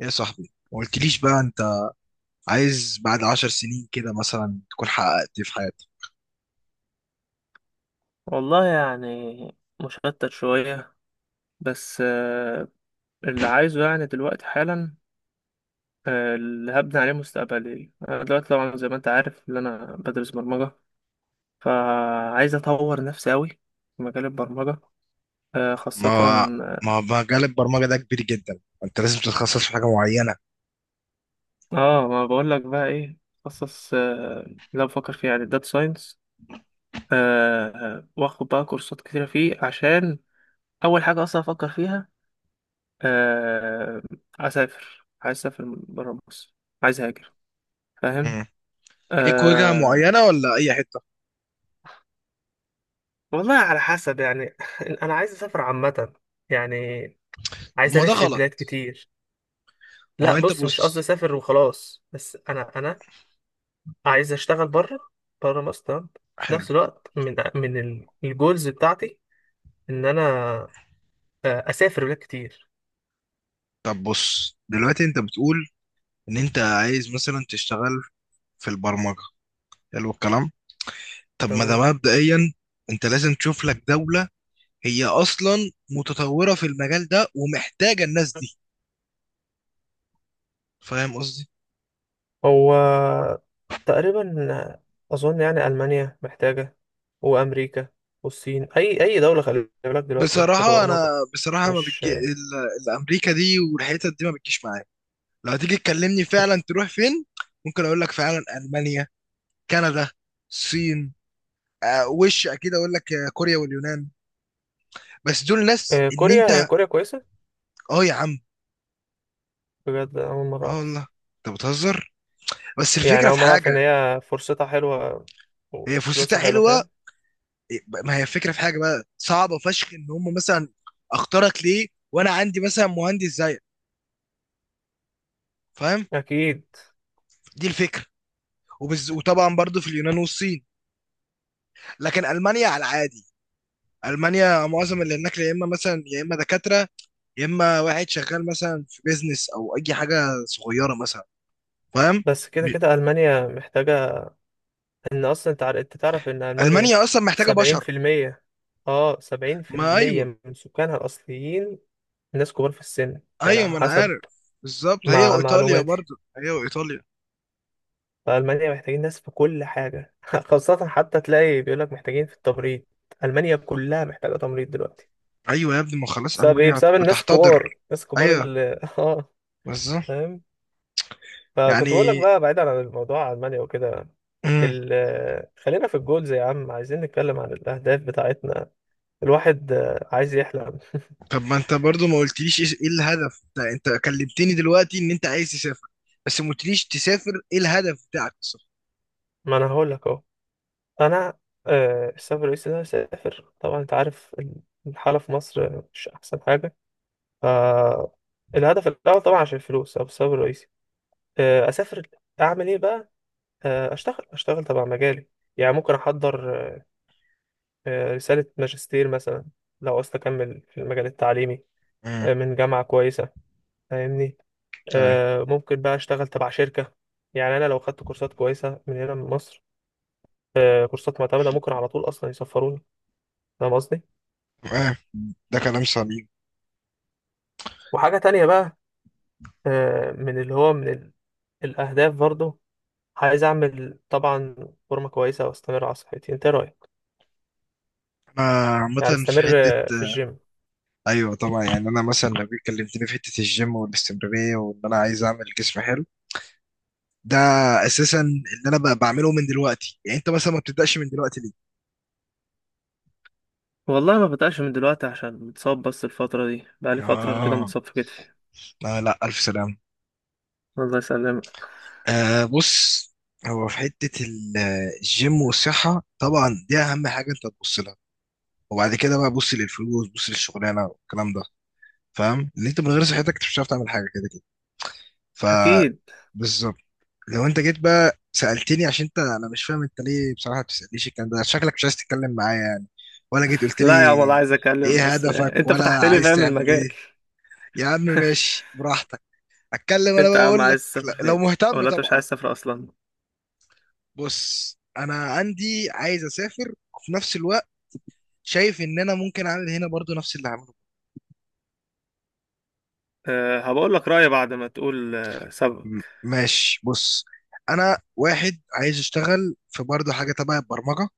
ايه يا صاحبي؟ ما قلتليش بقى انت عايز بعد 10 سنين كده مثلا تكون حققت إيه في حياتك؟ والله يعني مشتت شوية، بس اللي عايزه يعني دلوقتي حالا. اللي هبني عليه مستقبلي أنا دلوقتي، طبعا زي ما أنت عارف إن أنا بدرس برمجة. فعايز أطور نفسي أوي في مجال البرمجة، آه، ما خاصة هو- آه ما هو مجال البرمجة ده كبير جدا، انت لازم تتخصص في حاجة معينة. آه، ما بقولك بقى إيه. خصص آه، لا، بفكر فيه يعني داتا ساينس. آه، وآخد بقى كورسات كتيرة فيه، عشان أول حاجة أصلا أفكر فيها آه، أسافر. عايز أسافر برا مصر، عايز أهاجر، فاهم؟ مم. ليك وجهة آه. معينة ولا اي حتة؟ والله على حسب يعني انا عايز اسافر عامه، يعني طب عايز ما ده الف في بلاد غلط. كتير. ما هو لا انت بص، مش قصدي بص. اسافر وخلاص، بس انا عايز اشتغل بره، بره مصر، تمام. في حلو. نفس الوقت من الجولز بتاعتي، ان انا اسافر بلاد كتير. طب بص دلوقتي، انت بتقول ان انت عايز مثلا تشتغل في البرمجة. حلو الكلام. طب ما ده تمام. مبدئيا، انت لازم تشوف لك دولة هي اصلا متطورة في المجال ده ومحتاجة الناس دي. فاهم قصدي؟ هو تقريبا اظن يعني المانيا محتاجه، وامريكا، والصين، اي دوله، خلي بالك دلوقتي محتاجه بصراحة أنا برمجه. بصراحة ما مش... بتجي الأمريكا دي والحتت دي ما بتجيش معايا. لو هتيجي تكلمني فعلا تروح فين؟ ممكن أقول لك فعلا ألمانيا، كندا، الصين، وش أكيد أقول لك كوريا واليونان. بس دول ناس إن كوريا، هي أنت. كوريا كويسة؟ أه يا عم. بجد أول مرة أه أعرف. والله. أنت بتهزر. بس يعني الفكرة أول في مرة أعرف إن حاجة. هي فرصتها حلوة هي فرصتها وفلوسها حلوة، حلوة. فاهم؟ ما هي الفكرة في حاجة بقى صعبة فشخ، إن هم مثلا أختارك ليه وأنا عندي مثلا مهندس زيك. فاهم؟ أكيد. دي الفكرة. وطبعا برضو في اليونان والصين، لكن المانيا على العادي. المانيا معظم اللي هناك يا اما مثلا يا اما دكاتره، يا اما واحد شغال مثلا في بيزنس او اي حاجه صغيره مثلا. فاهم؟ بس كده ب- كده ألمانيا محتاجة، إن أصلا أنت تعرف إن ألمانيا المانيا اصلا محتاجه سبعين بشر. في المية أه، سبعين في ما المية ايوه. من سكانها الأصليين ناس كبار في السن، يعني ايوه، على ما انا حسب عارف بالظبط، هي وايطاليا، معلوماتي. برضو هي وايطاليا. فألمانيا محتاجين ناس في كل حاجة خاصة حتى تلاقي بيقولك محتاجين في التمريض. ألمانيا كلها محتاجة تمريض دلوقتي. ايوه يا ابني، ما خلاص بسبب ايه؟ المانيا بسبب الناس بتحتضر. الكبار، ايوه، اللي اه، بالظبط. فاهم. فكنت بقول لك يعني. بقى، بعيدا عن الموضوع، المانيا وكده. مم. ال... خلينا في الجولز يا عم، عايزين نتكلم عن الاهداف بتاعتنا. الواحد عايز يحلم. طب ما انت برضو ما قلتليش إيه الهدف انت؟ انت كلمتني دلوقتي ان انت عايز تسافر، بس ما قلتليش تسافر ايه، الهدف بتاعك بالظبط. ما انا هقول لك اهو. انا السبب الرئيسي ان انا اسافر، طبعا انت عارف الحاله في مصر مش احسن حاجه. ف الهدف الاول طبعا عشان الفلوس، او السبب الرئيسي اسافر. اعمل ايه بقى؟ اشتغل تبع مجالي. يعني ممكن احضر رسالة ماجستير مثلا، لو عاوز أكمل في المجال التعليمي مم. من جامعة كويسة، فاهمني؟ ممكن بقى أشتغل تبع شركة. يعني أنا لو خدت كورسات كويسة من هنا من مصر، كورسات معتمدة، ممكن على طول أصلا يسفروني، فاهم قصدي؟ اه. ده كلام سليم. وحاجة تانية بقى، من اللي هو من الأهداف برضو، عايز أعمل طبعا فورمة كويسة وأستمر على صحتي، أنت إيه رأيك؟ انا عامة يعني في أستمر حتة في آه، الجيم. ايوه طبعا يعني انا مثلا لو جيت كلمتني في حتة الجيم والاستمرارية وان انا عايز اعمل جسم حلو، ده اساسا اللي انا بعمله من دلوقتي. يعني انت مثلا ما بتبدأش من دلوقتي ليه؟ والله ما بدأش من دلوقتي عشان متصاب، بس الفترة دي بقالي فترة كده اه. متصاب في كتفي. لا لا، الف سلام. الله يسلمك. بص. هو في حتة الجيم والصحة طبعا دي اهم حاجة انت تبص لها، وبعد كده بقى بص للفلوس بص للشغلانة والكلام ده. فاهم؟ ان انت من غير صحتك انت مش هتعرف تعمل حاجة كده كده. ف اكيد. لو انت جيت بقى سألتني، عشان انت انا مش فاهم انت ليه بصراحة بتسألنيش الكلام ده، شكلك مش عايز تتكلم معايا يعني. ولا جيت قلت لي لا يا عم والله عايز اتكلم، ايه بس هدفك انت ولا فتحت لي، عايز فاهم، تعمل المجال. ايه؟ يا عم ماشي براحتك. اتكلم، انا انت بقى يا عم اقول عايز لك تسافر لو فين؟ مهتم ولا انت مش طبعا. عايز تسافر اصلا؟ بص، انا عندي عايز اسافر وفي نفس الوقت شايف ان انا ممكن اعمل هنا برضو نفس اللي هعمله. أه، هبقول لك رايي بعد ما تقول أه، سببك. ماشي، بص. انا واحد عايز اشتغل في برضو حاجة تبع البرمجة،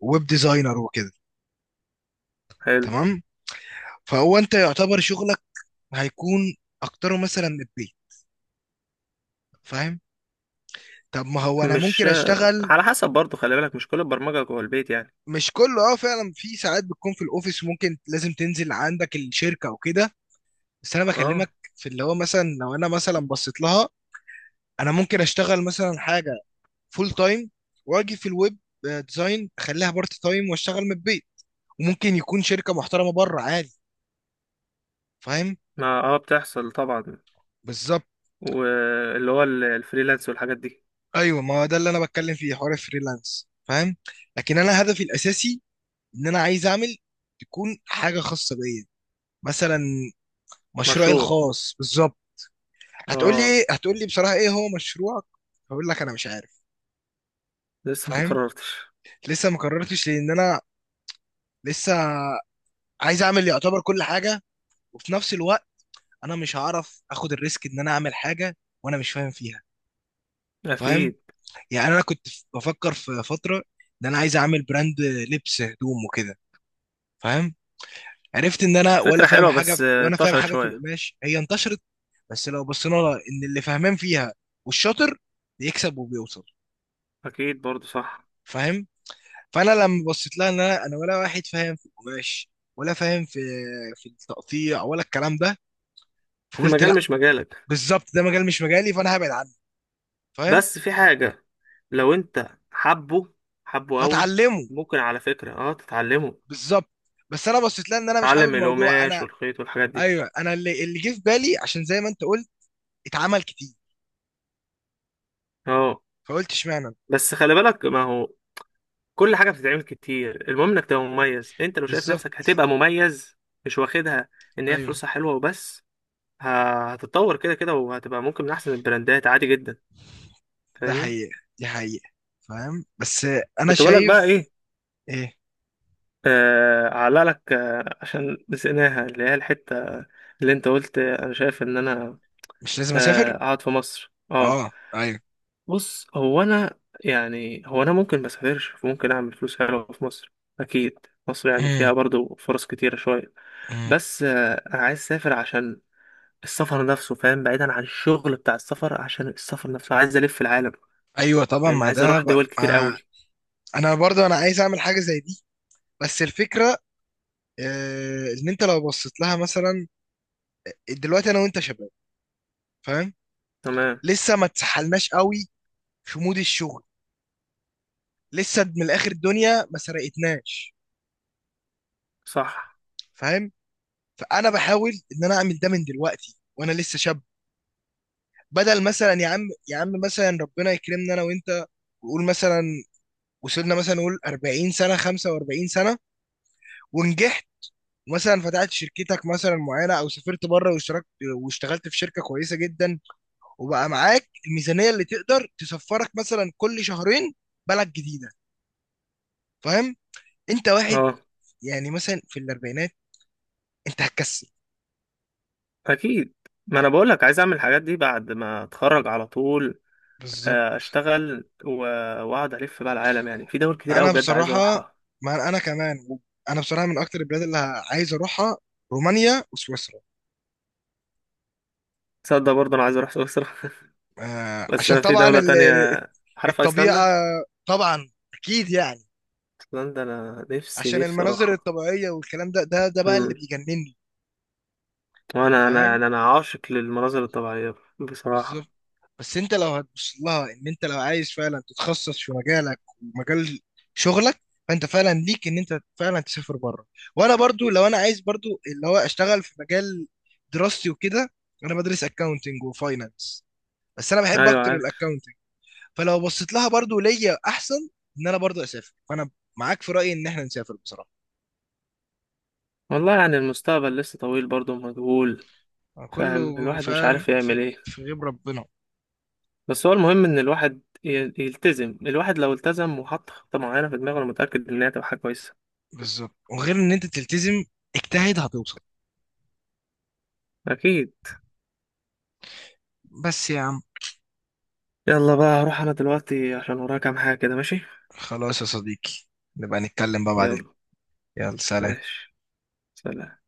ويب ديزاينر وكده. حلو. تمام. فهو انت يعتبر شغلك هيكون اكتره مثلا من البيت. فاهم؟ طب ما هو انا مش ممكن اشتغل. على حسب، برضو خلي بالك مش كل البرمجه جوه البيت يعني. مش كله، اه، فعلا في ساعات بتكون في الاوفيس ممكن لازم تنزل عندك الشركه او كده. بس انا بكلمك اه، في اللي هو مثلا لو انا مثلا بصيت لها، انا ممكن اشتغل مثلا حاجه فول تايم، واجي في الويب ديزاين اخليها بارت تايم واشتغل من البيت. وممكن يكون شركه محترمه بره عادي. فاهم؟ ما اه بتحصل طبعا. بالظبط. واللي هو الفريلانس والحاجات دي. ايوه، ما هو ده اللي انا بتكلم فيه حوار الفريلانس. فاهم؟ لكن انا هدفي الاساسي ان انا عايز اعمل تكون حاجه خاصه بيا، مثلا مشروعي مشروع. الخاص بالظبط. هتقول لي اه. إيه؟ هتقول لي بصراحه ايه هو مشروعك؟ هقول لك انا مش عارف. لسه ما فاهم؟ قررتش. لسه ما قررتش لان انا لسه عايز اعمل يعتبر كل حاجه، وفي نفس الوقت انا مش هعرف اخد الريسك ان انا اعمل حاجه وانا مش فاهم فيها. فاهم؟ اكيد. يعني انا كنت بفكر في فتره ان انا عايز اعمل براند لبس هدوم وكده. فاهم؟ عرفت ان انا ولا فكره فاهم حلوه، حاجه، بس وانا فاهم انتشرت حاجه في شويه. القماش هي انتشرت. بس لو بصينا لها ان اللي فاهمان فيها والشاطر بيكسب وبيوصل. اكيد برضو صح. فاهم؟ فانا لما بصيت لها ان انا ولا واحد فاهم في القماش ولا فاهم في التقطيع ولا الكلام ده، فقلت لا. المجال مش مجالك. بالظبط ده مجال مش مجالي فانا هبعد عنه. فاهم؟ بس في حاجة، لو انت حبه، حبه قوي، هتعلمه. ممكن على فكرة اه تتعلمه، بالظبط. بس انا بصيت لها ان انا مش حابب تتعلم الموضوع القماش انا. والخيط والحاجات دي. ايوه، انا اللي جه في بالي عشان زي ما انت قلت اتعمل كتير. اه. فقلت اشمعنى. بس خلي بالك، ما هو كل حاجة بتتعمل كتير، المهم انك تبقى مميز. انت لو شايف نفسك بالظبط. هتبقى مميز، مش واخدها ان هي ايوه. فلوسها حلوة وبس، هتتطور كده كده وهتبقى ممكن من احسن البراندات، عادي جدا، ده فاهمني؟ حقيقة دي حقيقة. فاهم؟ بس انا كنت بقول لك بقى شايف. ايه، ايه؟ آه، علق لك آه عشان نسيناها، اللي هي الحتة اللي انت قلت انا شايف ان انا مش لازم اسافر. قاعد في مصر. اه، اه، ايوه. بص هو انا، يعني هو انا ممكن ما اسافرش، ممكن اعمل فلوس حلوه في مصر، اكيد. مصر يعني فيها مم. برضو فرص كتيره شويه، مم. بس انا عايز اسافر عشان السفر نفسه، فاهم، بعيدا عن الشغل بتاع السفر، عشان السفر نفسه عايز الف العالم، ايوه طبعا، يعني ما عايز ده اروح ب... دول كتير آه. قوي. انا برضو انا عايز اعمل حاجه زي دي، بس الفكره. ان انت لو بصيت لها مثلا دلوقتي انا وانت شباب. فاهم؟ تمام. لسه ما اتسحلناش قوي في مود الشغل، لسه من الاخر الدنيا ما سرقتناش. صح. فاهم؟ فانا بحاول ان انا اعمل ده من دلوقتي وانا لسه شاب، بدل مثلا يا عم، يا عم مثلا ربنا يكرمنا انا وانت، وقول مثلا وصلنا مثلا نقول 40 سنه 45 سنه ونجحت، مثلا فتحت شركتك مثلا معينه او سافرت بره واشتركت واشتغلت في شركه كويسه جدا، وبقى معاك الميزانيه اللي تقدر تسفرك مثلا كل شهرين بلد جديده. فاهم؟ انت واحد، اه. يعني مثلا في الاربعينات انت هتكسل. اكيد. ما انا بقول لك عايز اعمل الحاجات دي بعد ما اتخرج على طول، بالظبط. واقعد الف بقى العالم، يعني في دول كتير قوي انا بجد عايز بصراحه، اروحها. ما انا كمان، انا بصراحه من اكتر البلاد اللي عايز اروحها رومانيا وسويسرا. تصدق برضه انا عايز اروح سويسرا. بس عشان انا في طبعا دولة تانية، عارف الطبيعه ايسلندا؟ طبعا اكيد يعني. ايسلندا انا نفسي عشان نفسي المناظر اروحها. الطبيعيه والكلام ده بقى اللي امم. بيجنني. أنت وانا انا فاهم؟ انا أنا عاشق للمناظر الطبيعية بالظبط. بصراحة. بس انت لو هتبص لها ان انت لو عايز فعلا تتخصص في مجالك ومجال شغلك فانت فعلا ليك ان انت فعلا تسافر بره. وانا برضو لو انا عايز برضو اللي هو اشتغل في مجال دراستي وكده، انا بدرس اكاونتنج وفاينانس، بس انا بحب ايوه اكتر عارف. الاكاونتنج. فلو بصيت لها برضو ليا احسن ان انا برضو اسافر، فانا معاك في رايي ان احنا نسافر بصراحه. والله يعني المستقبل لسه طويل برضه مجهول، فاهم، كله الواحد مش فعلا عارف في يعمل ايه. في غيب ربنا. بس هو المهم ان الواحد يلتزم. الواحد لو التزم وحط خطة معينة في دماغه، انا متأكد ان هي هتبقى حاجة كويسة. بالظبط، وغير ان انت تلتزم، اجتهد هتوصل. اكيد. بس يا عم. يلا بقى، هروح انا دلوقتي عشان ورايا كام حاجة كده، ماشي. خلاص يا صديقي، نبقى نتكلم بقى يلا. بعدين. يلا سلام. ماشي. سلام.